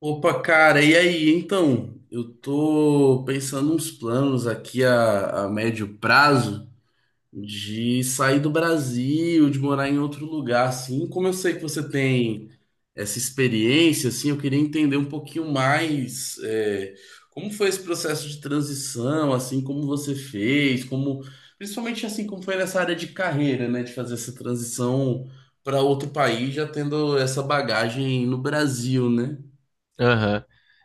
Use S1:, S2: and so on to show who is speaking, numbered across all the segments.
S1: Opa, cara, e aí? Então, eu tô pensando uns planos aqui a médio prazo de sair do Brasil, de morar em outro lugar, assim. Como eu sei que você tem essa experiência, assim, eu queria entender um pouquinho mais, como foi esse processo de transição, assim, como você fez, como, principalmente assim, como foi nessa área de carreira, né, de fazer essa transição para outro país, já tendo essa bagagem no Brasil, né?
S2: Aham.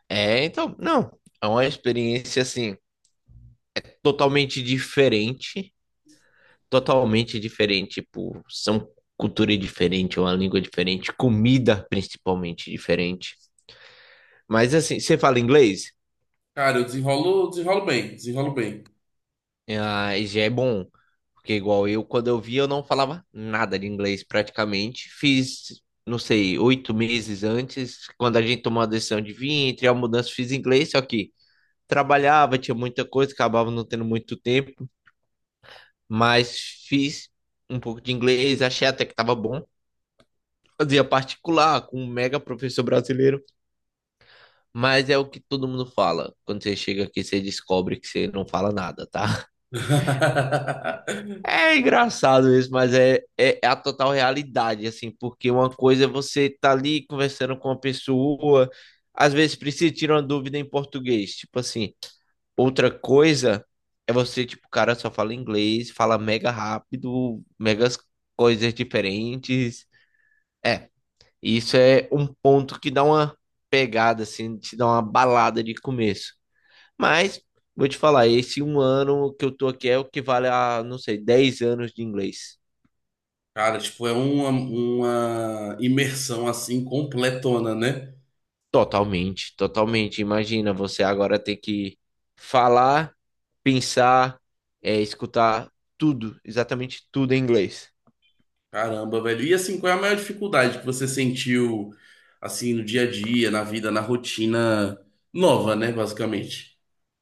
S2: Não. É uma experiência, assim, totalmente diferente. Totalmente diferente, tipo, são cultura diferente, uma língua diferente, comida principalmente diferente. Mas, assim, você fala inglês?
S1: Cara, eu desenrolo, desenrolo bem, desenrolo bem.
S2: Ah, já é bom. Porque, igual eu, quando eu vi, eu não falava nada de inglês praticamente. Fiz, não sei, 8 meses antes, quando a gente tomou a decisão de vir, entre a mudança, fiz inglês, só que trabalhava, tinha muita coisa, acabava não tendo muito tempo. Mas fiz um pouco de inglês, achei até que tava bom. Fazia particular com um mega professor brasileiro, mas é o que todo mundo fala. Quando você chega aqui, você descobre que você não fala nada, tá? É engraçado isso, mas é a total realidade, assim, porque uma coisa é você tá ali conversando com uma pessoa, às vezes precisa tirar uma dúvida em português, tipo assim. Outra coisa é você, tipo, o cara só fala inglês, fala mega rápido, megas coisas diferentes. É, isso é um ponto que dá uma pegada, assim, te dá uma balada de começo. Mas, vou te falar, esse um ano que eu tô aqui é o que vale a, não sei, 10 anos de inglês.
S1: Cara, tipo, é uma imersão assim completona, né?
S2: Totalmente, totalmente. Imagina você agora ter que falar, pensar, escutar tudo, exatamente tudo em inglês.
S1: Caramba, velho. E assim, qual é a maior dificuldade que você sentiu assim no dia a dia, na vida, na rotina nova, né, basicamente?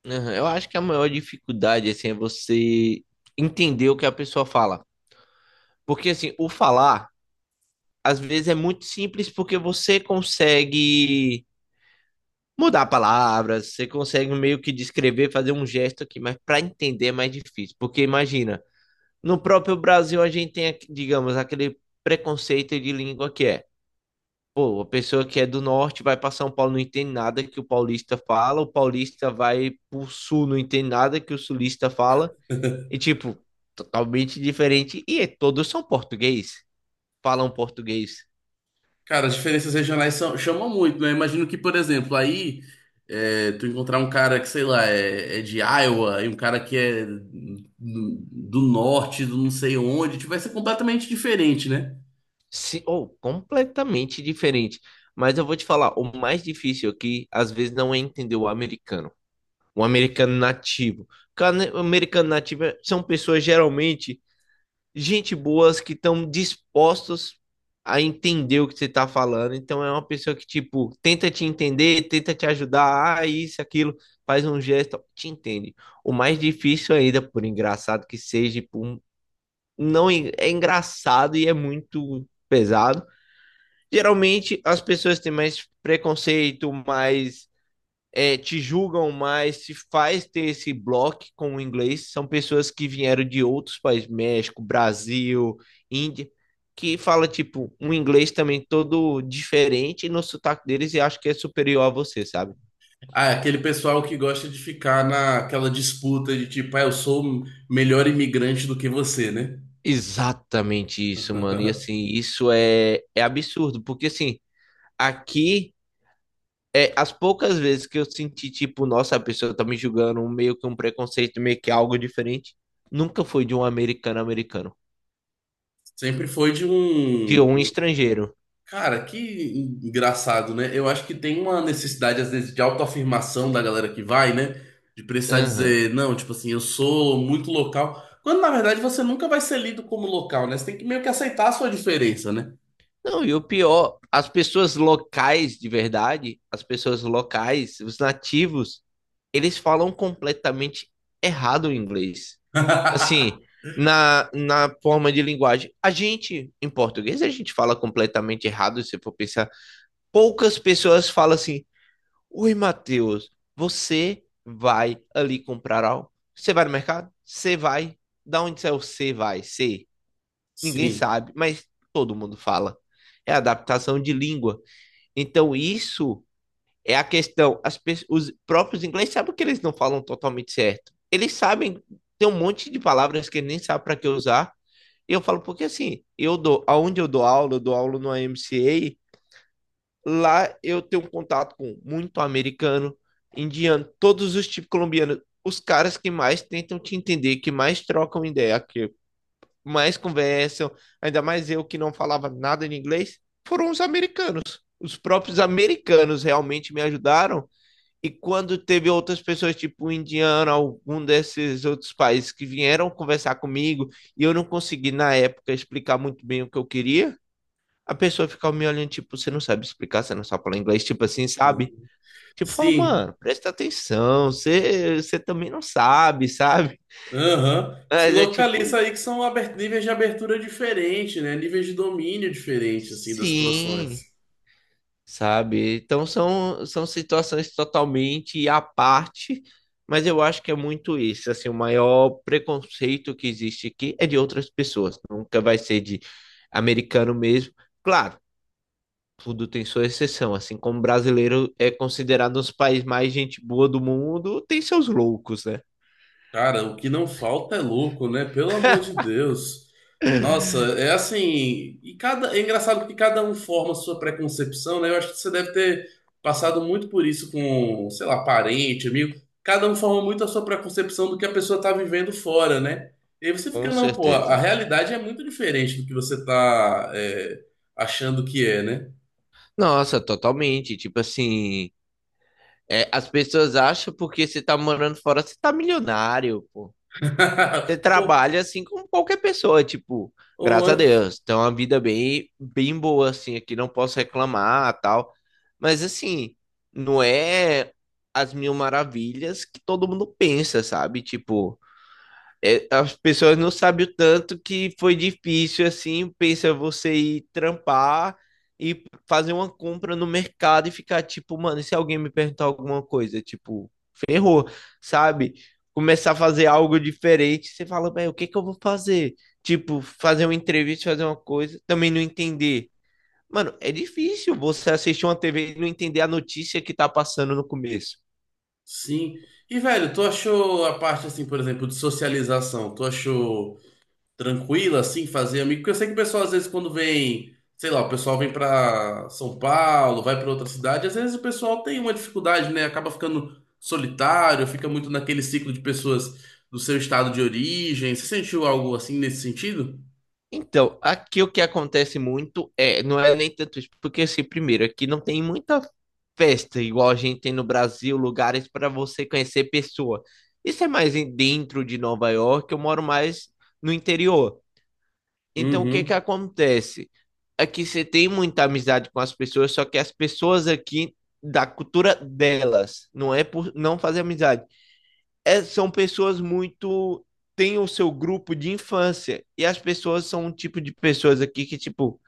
S2: Aham, eu acho que a maior dificuldade, assim, é você entender o que a pessoa fala. Porque, assim, o falar, às vezes é muito simples porque você consegue mudar palavras, você consegue meio que descrever, fazer um gesto aqui, mas para entender é mais difícil. Porque imagina, no próprio Brasil a gente tem, digamos, aquele preconceito de língua que é, pô, a pessoa que é do norte vai para São Paulo não entende nada que o paulista fala, o paulista vai pro sul não entende nada que o sulista fala, e tipo, totalmente diferente. Todos são português, falam português.
S1: Cara, as diferenças regionais são- chamam muito, né? Imagino que, por exemplo, aí tu encontrar um cara que, sei lá, é de Iowa e um cara que é do, do norte, do não sei onde, tipo, vai ser completamente diferente, né?
S2: Se, ou completamente diferente. Mas eu vou te falar, o mais difícil aqui, às vezes, não é entender o americano nativo. Cara, né, o americano nativo são pessoas geralmente gente boas que estão dispostos a entender o que você está falando. Então é uma pessoa que, tipo, tenta te entender, tenta te ajudar, ah, isso, aquilo, faz um gesto, te entende. O mais difícil ainda, por engraçado que seja, não en- é engraçado e é muito pesado, geralmente as pessoas têm mais preconceito, mais te julgam mais, se faz ter esse bloco com o inglês, são pessoas que vieram de outros países, México, Brasil, Índia, que fala tipo um inglês também todo diferente no sotaque deles e acho que é superior a você, sabe?
S1: Ah, é aquele pessoal que gosta de ficar naquela disputa de tipo, ah, eu sou melhor imigrante do que você, né?
S2: Exatamente isso, mano. E assim, isso é absurdo, porque assim, aqui é, as poucas vezes que eu senti, tipo, nossa, a pessoa tá me julgando, um meio que um preconceito, meio que algo diferente, nunca foi de um americano americano,
S1: Sempre foi de
S2: de
S1: um.
S2: um
S1: um
S2: estrangeiro.
S1: Cara, que engraçado, né? Eu acho que tem uma necessidade, às vezes, de autoafirmação da galera que vai, né? De precisar
S2: Aham.
S1: dizer, não, tipo assim, eu sou muito local. Quando, na verdade, você nunca vai ser lido como local, né? Você tem que meio que aceitar a sua diferença, né?
S2: Não, e o pior, as pessoas locais de verdade, as pessoas locais, os nativos, eles falam completamente errado o inglês. Assim, na forma de linguagem. A gente, em português, a gente fala completamente errado, se for pensar. Poucas pessoas falam assim, oi, Matheus, você vai ali comprar algo? Você vai no mercado? Você vai? Da onde é o você vai? Você? Ninguém
S1: Sim.
S2: sabe, mas todo mundo fala. É adaptação de língua. Então, isso é a questão. Os próprios ingleses sabem que eles não falam totalmente certo. Eles sabem, tem um monte de palavras que eles nem sabem para que usar. E eu falo, porque assim, eu dou, aonde eu dou aula no AMCA. Lá eu tenho um contato com muito americano, indiano, todos os tipos colombianos, os caras que mais tentam te entender, que mais trocam ideia, que mais conversam, ainda mais eu que não falava nada em inglês, foram os americanos. Os próprios americanos realmente me ajudaram. E quando teve outras pessoas, tipo o indiano, algum desses outros países que vieram conversar comigo, e eu não consegui na época explicar muito bem o que eu queria, a pessoa fica me olhando, tipo, você não sabe explicar, você não sabe falar inglês, tipo assim, sabe? Tipo, fala, mano,
S1: Sim.
S2: presta atenção, você também não sabe, sabe?
S1: Aham. Se
S2: Mas é tipo,
S1: localiza aí que são aber- níveis de abertura diferentes, né? Níveis de domínio diferentes, assim, das
S2: sim,
S1: situações.
S2: sabe? Então são situações totalmente à parte, mas eu acho que é muito isso, assim, o maior preconceito que existe aqui é de outras pessoas, nunca vai ser de americano mesmo. Claro, tudo tem sua exceção. Assim como o brasileiro é considerado um dos países mais gente boa do mundo, tem seus loucos, né?
S1: Cara, o que não falta é louco, né? Pelo amor de Deus. Nossa, é assim. E cada... É engraçado que cada um forma a sua preconcepção, né? Eu acho que você deve ter passado muito por isso com, sei lá, parente, amigo. Cada um forma muito a sua preconcepção do que a pessoa tá vivendo fora, né? E aí você fica,
S2: Com
S1: não, pô, a
S2: certeza.
S1: realidade é muito diferente do que você tá, achando que é, né?
S2: Nossa, totalmente. Tipo assim, as pessoas acham porque você tá morando fora, você tá milionário, pô. Você
S1: Ou,
S2: trabalha assim como qualquer pessoa, tipo,
S1: ou
S2: graças a
S1: antes,
S2: Deus. Então, uma vida bem, bem boa, assim, aqui não posso reclamar, tal. Mas assim, não é as mil maravilhas que todo mundo pensa, sabe? Tipo, as pessoas não sabem o tanto que foi difícil, assim, pensa você ir trampar e fazer uma compra no mercado e ficar tipo, mano, e se alguém me perguntar alguma coisa, tipo, ferrou, sabe? Começar a fazer algo diferente, você fala, velho, o que que eu vou fazer? Tipo, fazer uma entrevista, fazer uma coisa, também não entender. Mano, é difícil você assistir uma TV e não entender a notícia que tá passando no começo.
S1: sim. E, velho, tu achou a parte, assim, por exemplo, de socialização, tu achou tranquila, assim, fazer amigo? Porque eu sei que o pessoal, às vezes, quando vem, sei lá, o pessoal vem pra São Paulo, vai pra outra cidade, às vezes o pessoal tem uma dificuldade, né? Acaba ficando solitário, fica muito naquele ciclo de pessoas do seu estado de origem. Você sentiu algo assim nesse sentido?
S2: Então, aqui o que acontece muito é, não é nem tanto isso, porque assim, primeiro, aqui não tem muita festa igual a gente tem no Brasil, lugares para você conhecer pessoa. Isso é mais dentro de Nova York, eu moro mais no interior. Então, o que
S1: Uhum.
S2: que acontece? Aqui você tem muita amizade com as pessoas, só que as pessoas aqui da cultura delas, não é por não fazer amizade, são pessoas muito, têm o seu grupo de infância. E as pessoas são um tipo de pessoas aqui que, tipo,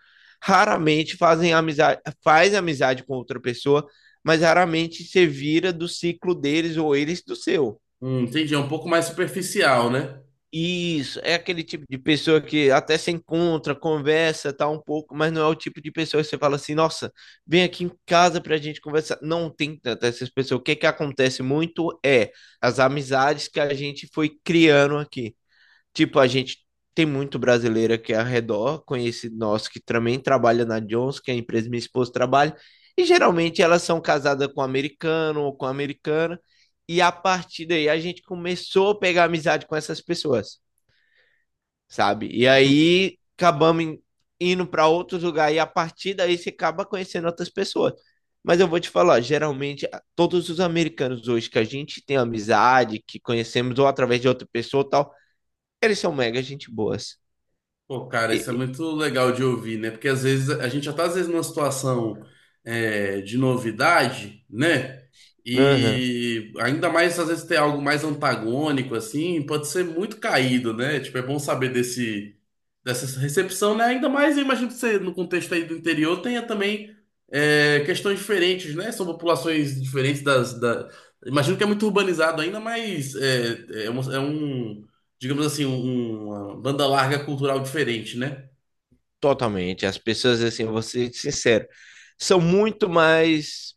S2: raramente fazem amizade, faz amizade com outra pessoa, mas raramente se vira do ciclo deles ou eles do seu.
S1: Entendi. É um pouco mais superficial, né?
S2: Isso, é aquele tipo de pessoa que até se encontra, conversa, tá um pouco, mas não é o tipo de pessoa que você fala assim, nossa, vem aqui em casa pra gente conversar. Não tem tanto essas pessoas. O que que acontece muito é as amizades que a gente foi criando aqui. Tipo, a gente tem muito brasileira que é ao redor, conhecido nosso que também trabalha na Johnson, que é a empresa que minha esposa trabalha, e geralmente elas são casadas com americano ou com americana, e a partir daí a gente começou a pegar amizade com essas pessoas, sabe? E aí acabamos indo para outros lugares, e a partir daí você acaba conhecendo outras pessoas. Mas eu vou te falar, geralmente todos os americanos hoje que a gente tem amizade, que conhecemos ou através de outra pessoa ou tal, eles são mega gente boas.
S1: Pô, cara, isso é
S2: E-
S1: muito legal de ouvir, né? Porque às vezes a gente já tá às vezes numa situação de novidade, né?
S2: aham,
S1: E ainda mais às vezes ter algo mais antagônico, assim, pode ser muito caído, né? Tipo, é bom saber desse dessa recepção, né? Ainda mais, eu imagino que você, no contexto aí do interior, tenha também questões diferentes, né? São populações diferentes da... Imagino que é muito urbanizado ainda, mas é um, digamos assim, um- uma banda larga cultural diferente, né?
S2: totalmente. As pessoas, assim, eu vou ser sincero, são muito mais,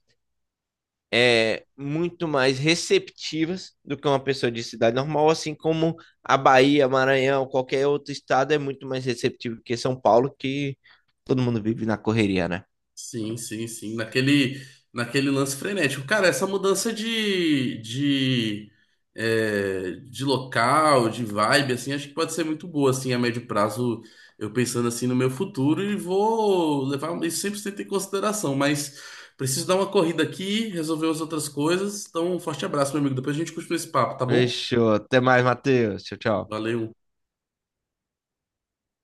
S2: muito mais receptivas do que uma pessoa de cidade normal, assim como a Bahia, Maranhão, qualquer outro estado é muito mais receptivo que São Paulo, que todo mundo vive na correria, né?
S1: Sim, sim, sim. Naquele, naquele lance frenético. Cara, essa mudança de local, de vibe, assim, acho que pode ser muito boa, assim, a médio prazo, eu pensando assim no meu futuro e vou levar um, isso 100% em consideração. Mas preciso dar uma corrida aqui, resolver as outras coisas. Então, um forte abraço, meu amigo. Depois a gente continua esse papo, tá bom?
S2: Fechou. Até mais, Matheus. Tchau, tchau.
S1: Valeu.